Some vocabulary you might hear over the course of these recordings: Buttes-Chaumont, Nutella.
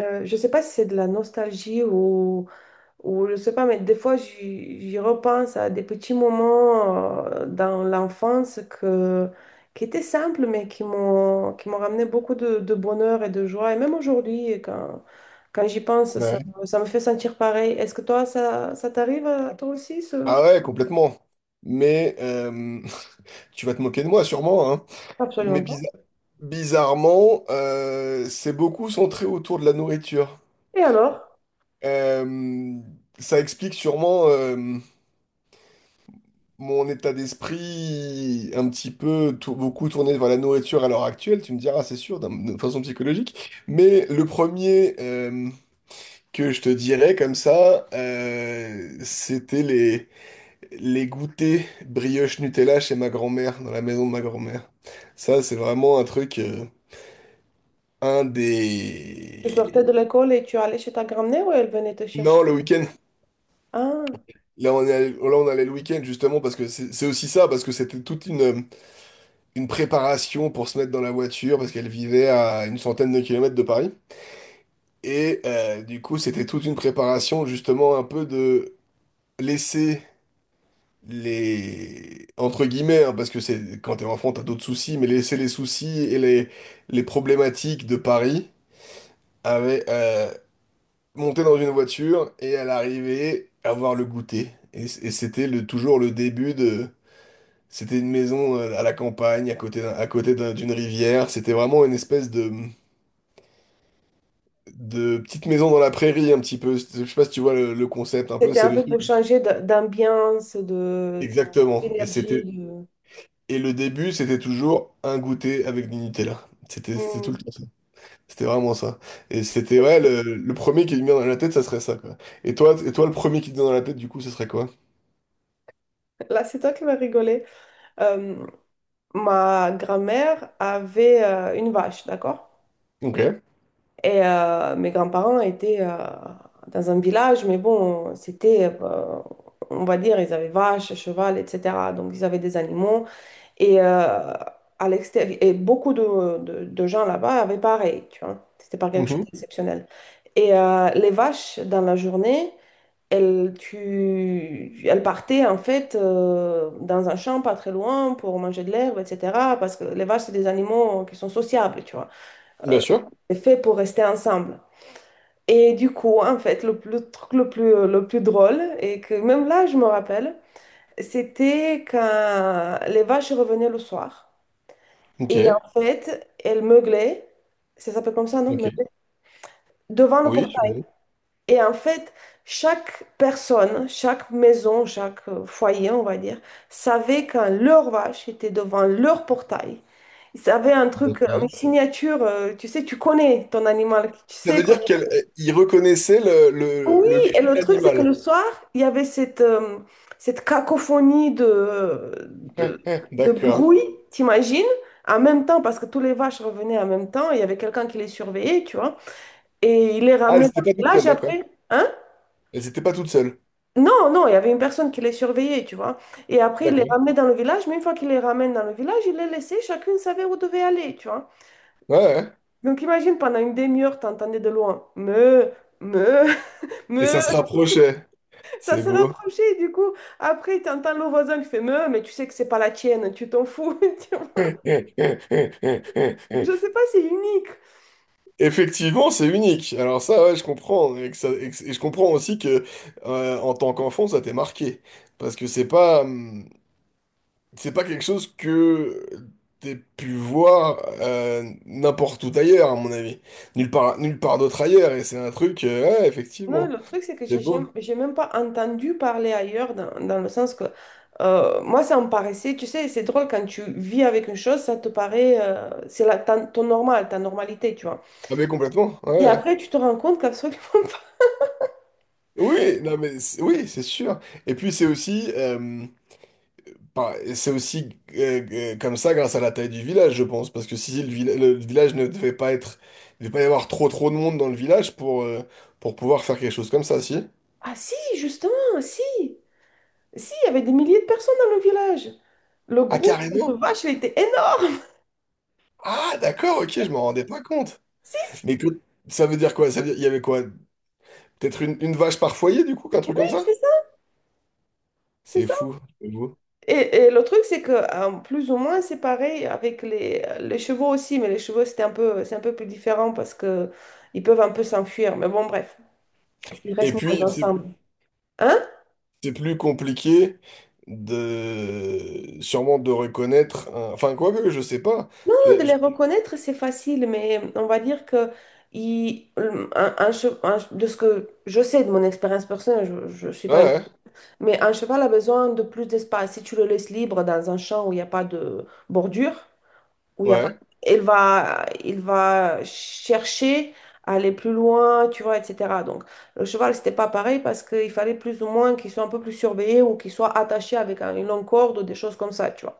Je sais pas si c'est de la nostalgie ou je sais pas, mais des fois, j'y repense à des petits moments dans l'enfance que, qui étaient simples, mais qui m'ont ramené beaucoup de bonheur et de joie. Et même aujourd'hui, quand, quand j'y pense, ça, Ouais. Ça me fait sentir pareil. Est-ce que toi, ça t'arrive à toi aussi, Ah ce... ouais, complètement. Mais tu vas te moquer de moi sûrement, hein. Mais Absolument pas. Bizarrement, c'est beaucoup centré autour de la nourriture. Et alors, Euh, ça explique sûrement mon état d'esprit un petit peu beaucoup tourné vers la nourriture à l'heure actuelle. Tu me diras, c'est sûr, de façon psychologique. Mais le premier que je te dirais comme ça, c'était les goûters brioche Nutella chez ma grand-mère, dans la maison de ma grand-mère. Ça, c'est vraiment un truc, un tu sortais des... de l'école et tu allais chez ta grand-mère ou elle venait te Non, chercher? le week-end. Ah, Là, on est allé, là, on allait le week-end, justement, parce que c'est aussi ça, parce que c'était toute une préparation pour se mettre dans la voiture, parce qu'elle vivait à une centaine de kilomètres de Paris. Et du coup, c'était toute une préparation, justement, un peu de laisser les entre guillemets hein, parce que c'est quand t'es enfant t'as d'autres soucis mais laisser les soucis et les problématiques de Paris avec monter dans une voiture et à l'arrivée avoir le goûter et c'était le toujours le début de c'était une maison à la campagne d'une rivière c'était vraiment une espèce de petite maison dans la prairie un petit peu je sais pas si tu vois le concept un peu c'était c'est un le peu truc pour changer d'ambiance, de... exactement et L'énergie c'était. de... Et le début, c'était toujours un goûter avec du Nutella. C'était tout Hmm. le temps ça. C'était vraiment ça. Et c'était, ouais, le premier qui me vient dans la tête, ça serait ça, quoi. Et toi, le premier qui te vient dans la tête, du coup, ce serait quoi? Là, c'est toi qui vas rigoler. Euh, Ma grand-mère avait une vache, d'accord? Ok. Et mes grands-parents étaient dans un village, mais bon, c'était, on va dire, ils avaient vache, cheval, etc. Donc, ils avaient des animaux. Et, à l'extérieur, et beaucoup de, de gens là-bas avaient pareil, tu vois. C'était pas quelque chose Mhm. d'exceptionnel. Et les vaches, dans la journée, elle, elle partait en fait dans un champ pas très loin pour manger de l'herbe, etc. Parce que les vaches, c'est des animaux qui sont sociables, tu vois. Bien Euh, sûr. c'est fait pour rester ensemble. Et du coup, en fait, le truc le plus drôle, et que même là, je me rappelle, c'était quand les vaches revenaient le soir. Ok. Et en fait, elles meuglaient, ça s'appelle comme ça, non? Ok. Meuglaient, devant le Oui, portail. sûrement. Et en fait, chaque personne, chaque maison, chaque foyer, on va dire, savait quand leur vache était devant leur portail. Ils avaient un truc, une Ok. signature, tu sais, tu connais ton animal, tu Ça sais veut qu'on- dire qu'il reconnaissait le, le, Oui, le cri et le de truc, c'est que le l'animal. soir, il y avait cette, cette cacophonie de, de, de D'accord. bruit, t'imagines? En même temps, parce que tous les vaches revenaient en même temps, il y avait quelqu'un qui les surveillait, tu vois, et il les Ah, elle ramenait dans n'était le pas toute village seule, d'accord. après, hein. Elle n'était pas toute seule. Non, non, il y avait une personne qui les surveillait, tu vois. Et après, il les D'accord. ramenait dans le village, mais une fois qu'il les ramène dans le village, il les laissait, chacune savait où devait aller, tu vois. Ouais, ouais. Donc imagine, pendant une demi-heure, t'entendais de loin, me, Et me, ça se rapprochait. ça C'est se beau. rapprochait, du coup, après, t'entends le voisin qui fait me, mais tu sais que c'est pas la tienne, tu t'en fous. Tu vois. Je sais pas, c'est unique. Effectivement, c'est unique. Alors ça, ouais, je comprends. Et, que ça- et que- et je comprends aussi que en tant qu'enfant, ça t'est marqué. Parce que c'est pas quelque chose que t'aies pu voir n'importe où ailleurs, à mon avis. Nulle part d'autre ailleurs. Et c'est un truc, ouais, Non, effectivement. le truc, c'est que C'est beau. j'ai même pas entendu parler ailleurs, dans le sens que moi, ça me paraissait, tu sais, c'est drôle quand tu vis avec une chose, ça te paraît, c'est la, ton normal, ta normalité, tu vois. Ah mais complètement, Et ouais. après, tu te rends compte qu'absolument pas. Oui, non mais oui, c'est sûr. Et puis c'est aussi, enfin, et c'est aussi comme ça grâce à la taille du village, je pense, parce que si le village ne devait pas être, il devait pas y avoir trop trop de monde dans le village pour pouvoir faire quelque chose comme ça, si? Ah si, justement, si, si, il y avait des milliers de personnes dans le village. Le Ah groupe de carrément? vaches, il était énorme. Ah d'accord, ok, je m'en rendais pas compte. Si, si, Mais ça veut dire quoi? Ça veut dire il y avait quoi? Peut-être une vache par foyer du coup, un truc oui, comme ça? c'est ça, c'est C'est ça. fou, j'avoue. Et le truc, c'est que hein, plus ou moins, c'est pareil avec les chevaux aussi, mais les chevaux, c'était un peu, c'est un peu plus différent parce que ils peuvent un peu s'enfuir. Mais bon, bref, ils Et restent moins puis c'est ensemble. Hein? c'est plus compliqué de sûrement de reconnaître, enfin quoi que je sais pas. Je- De les je- reconnaître, c'est facile, mais on va dire que il un che- un de ce que je sais de mon expérience personnelle, je ne suis pas une... Ouais, Mais un cheval a besoin de plus d'espace. Si tu le laisses libre dans un champ où il n'y a pas de bordure, où ouais, il y a pas... ouais, il va chercher à aller plus loin, tu vois, etc. Donc, le cheval, c'était pas pareil parce qu'il fallait plus ou moins qu'il soit un peu plus surveillé ou qu'il soit attaché avec une longue corde ou des choses comme ça, tu vois.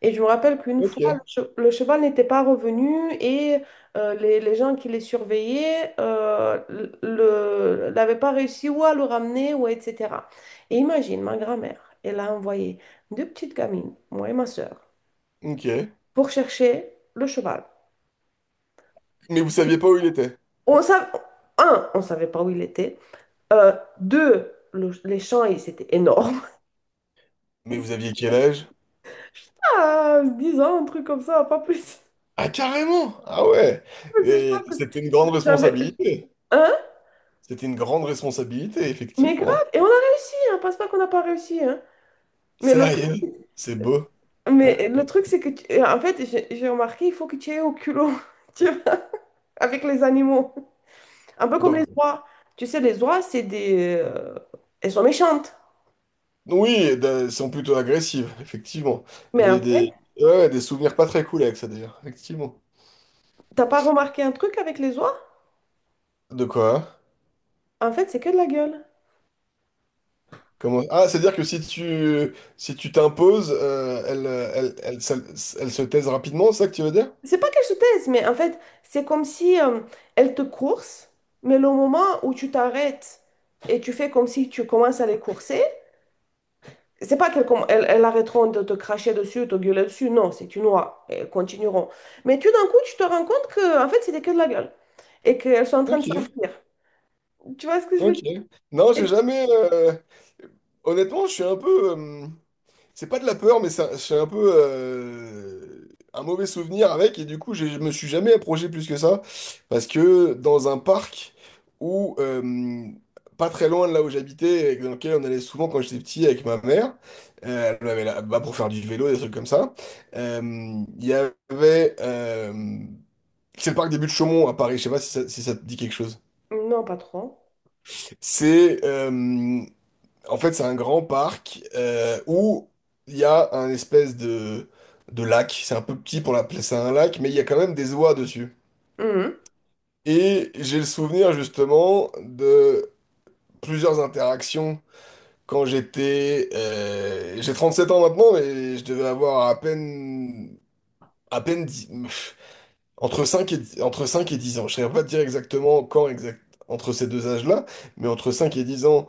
Et je me rappelle qu'une fois, ok. Le cheval n'était pas revenu et les gens qui les surveillaient n'avaient pas réussi ou à le ramener ou etc. Et imagine, ma grand-mère, elle a envoyé deux petites gamines, moi et ma sœur, Ok. pour chercher le cheval. Mais vous saviez pas où il était. On savait, un, on savait pas où il était. Euh, Deux, les champs, c'était énorme. Mais vous aviez quel âge? Putain, 10 ans, un truc comme ça, pas plus. Ah, carrément! Ah ouais! Parce que je Et pense que c'était une grande j'avais... responsabilité. Hein? C'était une grande responsabilité, Mais effectivement. grave, et on a réussi, hein, pense pas qu'on n'a pas réussi, hein. Mais le truc, Sérieux? C'est beau. Ouais. mais le truc, c'est que, en fait, j'ai remarqué, il faut que tu aies au culot, tu vois, avec les animaux. Un peu comme Donc, les oies. Tu sais, les oies, c'est des... elles sont méchantes. oui, elles sont plutôt agressives, effectivement. Mais en J'ai fait, des, ouais, des souvenirs pas très cool avec ça, d'ailleurs. Effectivement. t'as pas remarqué un truc avec les oies? De quoi? En fait, c'est que de la gueule. Comment... Ah, c'est-à-dire que si tu t'imposes, elle se taise rapidement, c'est ça que tu veux dire? C'est pas qu'elle se taise, mais en fait, c'est comme si elle te course, mais le moment où tu t'arrêtes et tu fais comme si tu commences à les courser, c'est pas qu'elles comm- elles arrêteront de te cracher dessus, de te gueuler dessus, non, c'est une loi, elles continueront. Mais tout d'un coup, tu te rends compte que, en fait, c'était que de la gueule et qu'elles sont en train de Ok. s'enfuir. Tu vois ce que je veux Ok. dire? Non, j'ai Et- jamais. Honnêtement, je suis un peu. C'est pas de la peur, mais c'est un peu un mauvais souvenir avec. Et du coup, je me suis jamais approché plus que ça. Parce que dans un parc où. Pas très loin de là où j'habitais, et dans lequel on allait souvent quand j'étais petit avec ma mère, elle m'avait bah, pour faire du vélo, des trucs comme ça. Euh, Il y avait. C'est le parc des Buttes-Chaumont à Paris, je sais pas si ça te dit quelque chose. Non, pas trop. C'est. En fait, c'est un grand parc où il y a un espèce de lac. C'est un peu petit pour l'appeler ça un lac, mais il y a quand même des oies dessus. Mhm. Et j'ai le souvenir justement de plusieurs interactions quand j'étais... j'ai 7 ans maintenant, mais je devais avoir à peine... À peine 10. Entre 5 et 10 ans. Je ne saurais pas te dire exactement quand exact, entre ces deux âges-là, mais entre 5 et 10 ans,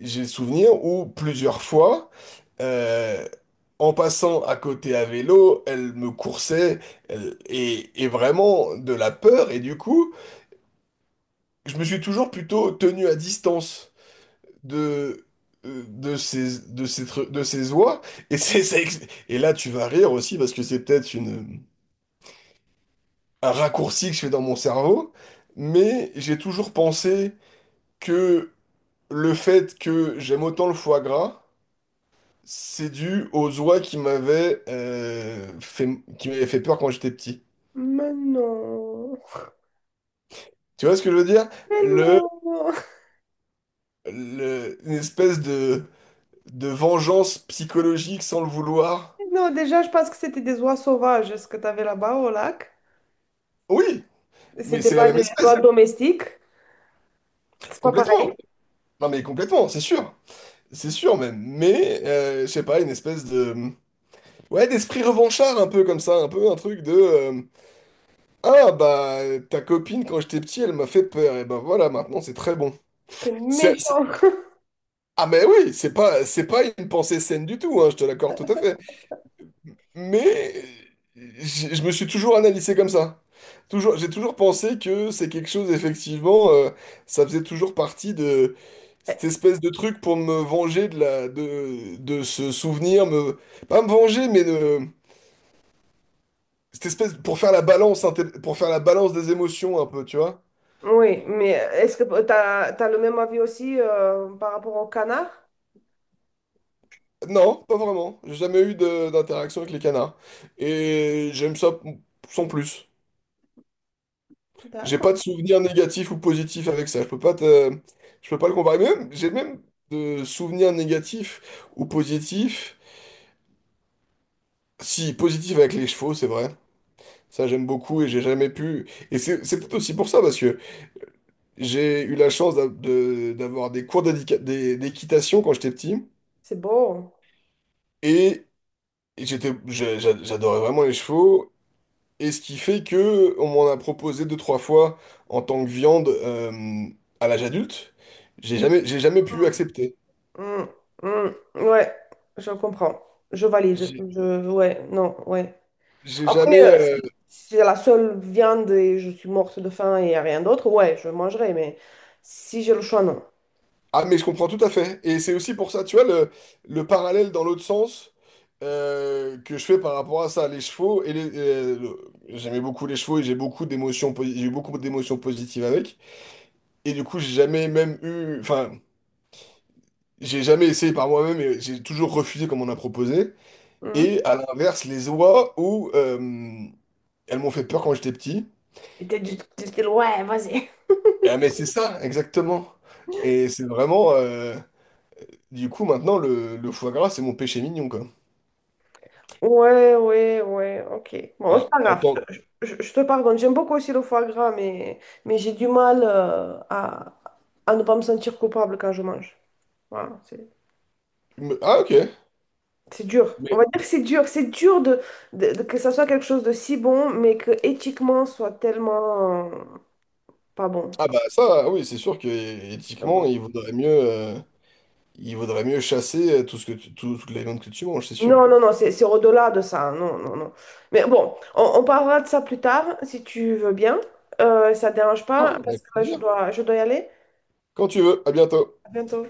j'ai le souvenir où plusieurs fois, euh, en passant à côté à vélo, elle me coursait et vraiment de la peur. Et du coup, je me suis toujours plutôt tenu à distance de, de ces, tru- de ces oies. Et, c'est- ça ex- et là, tu vas rire aussi parce que c'est peut-être une un raccourci que je fais dans mon cerveau, mais j'ai toujours pensé que le fait que j'aime autant le foie gras, c'est dû aux oies qui m'avaient fait peur quand j'étais petit. Mais non. Tu vois ce que je veux dire? Mais Le, non. une espèce de vengeance psychologique sans le vouloir. Non, déjà, je pense que c'était des oies sauvages, ce que tu avais là-bas au lac. Oui, mais C'était c'est la pas même des espèce, oies domestiques. C'est pas complètement. pareil. Non mais complètement, c'est sûr. C'est sûr même. Mais, je sais pas, une espèce de... Ouais, d'esprit revanchard un peu comme ça, un peu un truc de... Ah bah ta copine quand j'étais petit elle m'a fait peur et ben voilà maintenant c'est très bon. C'est C'est- c'est- méchant. Ah mais oui c'est pas une pensée saine du tout hein, je te l'accorde tout à fait. Mais je me suis toujours analysé comme ça. Toujours j'ai toujours pensé que c'est quelque chose effectivement ça faisait toujours partie de cette espèce de truc pour me venger de la de ce souvenir me pas me venger mais de cette espèce pour faire la balance des émotions un peu tu vois. Oui, mais est-ce que t'as le même avis aussi par rapport au canard? Non, pas vraiment. J'ai jamais eu d'interaction avec les canards. Et j'aime ça sans plus. J'ai pas de D'accord. souvenirs négatifs ou positifs avec ça. Je peux pas te... Je peux pas le comparer. Mais même, j'ai même de souvenirs négatifs ou positifs. Si, positif avec les chevaux, c'est vrai. Ça, j'aime beaucoup et j'ai jamais pu. Et c'est peut-être aussi pour ça, parce que j'ai eu la chance d'avoir des cours d'équitation quand j'étais petit. C'est beau. Et j'adorais vraiment les chevaux. Et ce qui fait que on m'en a proposé deux, trois fois en tant que viande à l'âge adulte. J'ai jamais pu Mm, accepter. mm, mm. Ouais, je comprends. Je valide. J'ai Je, ouais, non, ouais. j'ai Après, jamais. Si c'est la seule viande et je suis morte de faim et y a rien d'autre, ouais, je mangerai, mais si j'ai le choix, non. Ah, mais je comprends tout à fait. Et c'est aussi pour ça, tu vois, le parallèle dans l'autre sens que je fais par rapport à ça, les chevaux et J'aimais beaucoup les chevaux et j'ai beaucoup d'émotions positives avec. Et du coup, j'ai jamais même eu. Enfin, j'ai jamais essayé par moi-même et j'ai toujours refusé comme on a proposé. Mhm. Et à l'inverse, les oies où elles m'ont fait peur quand j'étais petit. Et t'es du style, ouais, vas-y. Ah, mais c'est ça, exactement. Et c'est vraiment. Du coup, maintenant, le foie gras, c'est mon péché mignon, quoi. Ouais, ouais, ouais, ok. Bon, c'est Hein, pas en grave, tant que- je te pardonne. J'aime beaucoup aussi le foie gras, mais j'ai du mal à ne pas me sentir coupable quand je mange. Voilà, c'est me- Ah, ok. c'est dur. On Mais, va dire que c'est dur. C'est dur de, que ça soit quelque chose de si bon, mais que éthiquement soit tellement pas bon. ah, bah, ça, oui, c'est sûr que Donc, éthiquement, voilà. il vaudrait mieux chasser toute la viande que tu manges, c'est sûr. Non, non, non, c'est au-delà de ça. Non, non, non. Mais bon, on parlera de ça plus tard, si tu veux bien. Ça te dérange Ah, pas, parce avec que là, plaisir. Je dois y aller. Quand tu veux, à bientôt. À bientôt.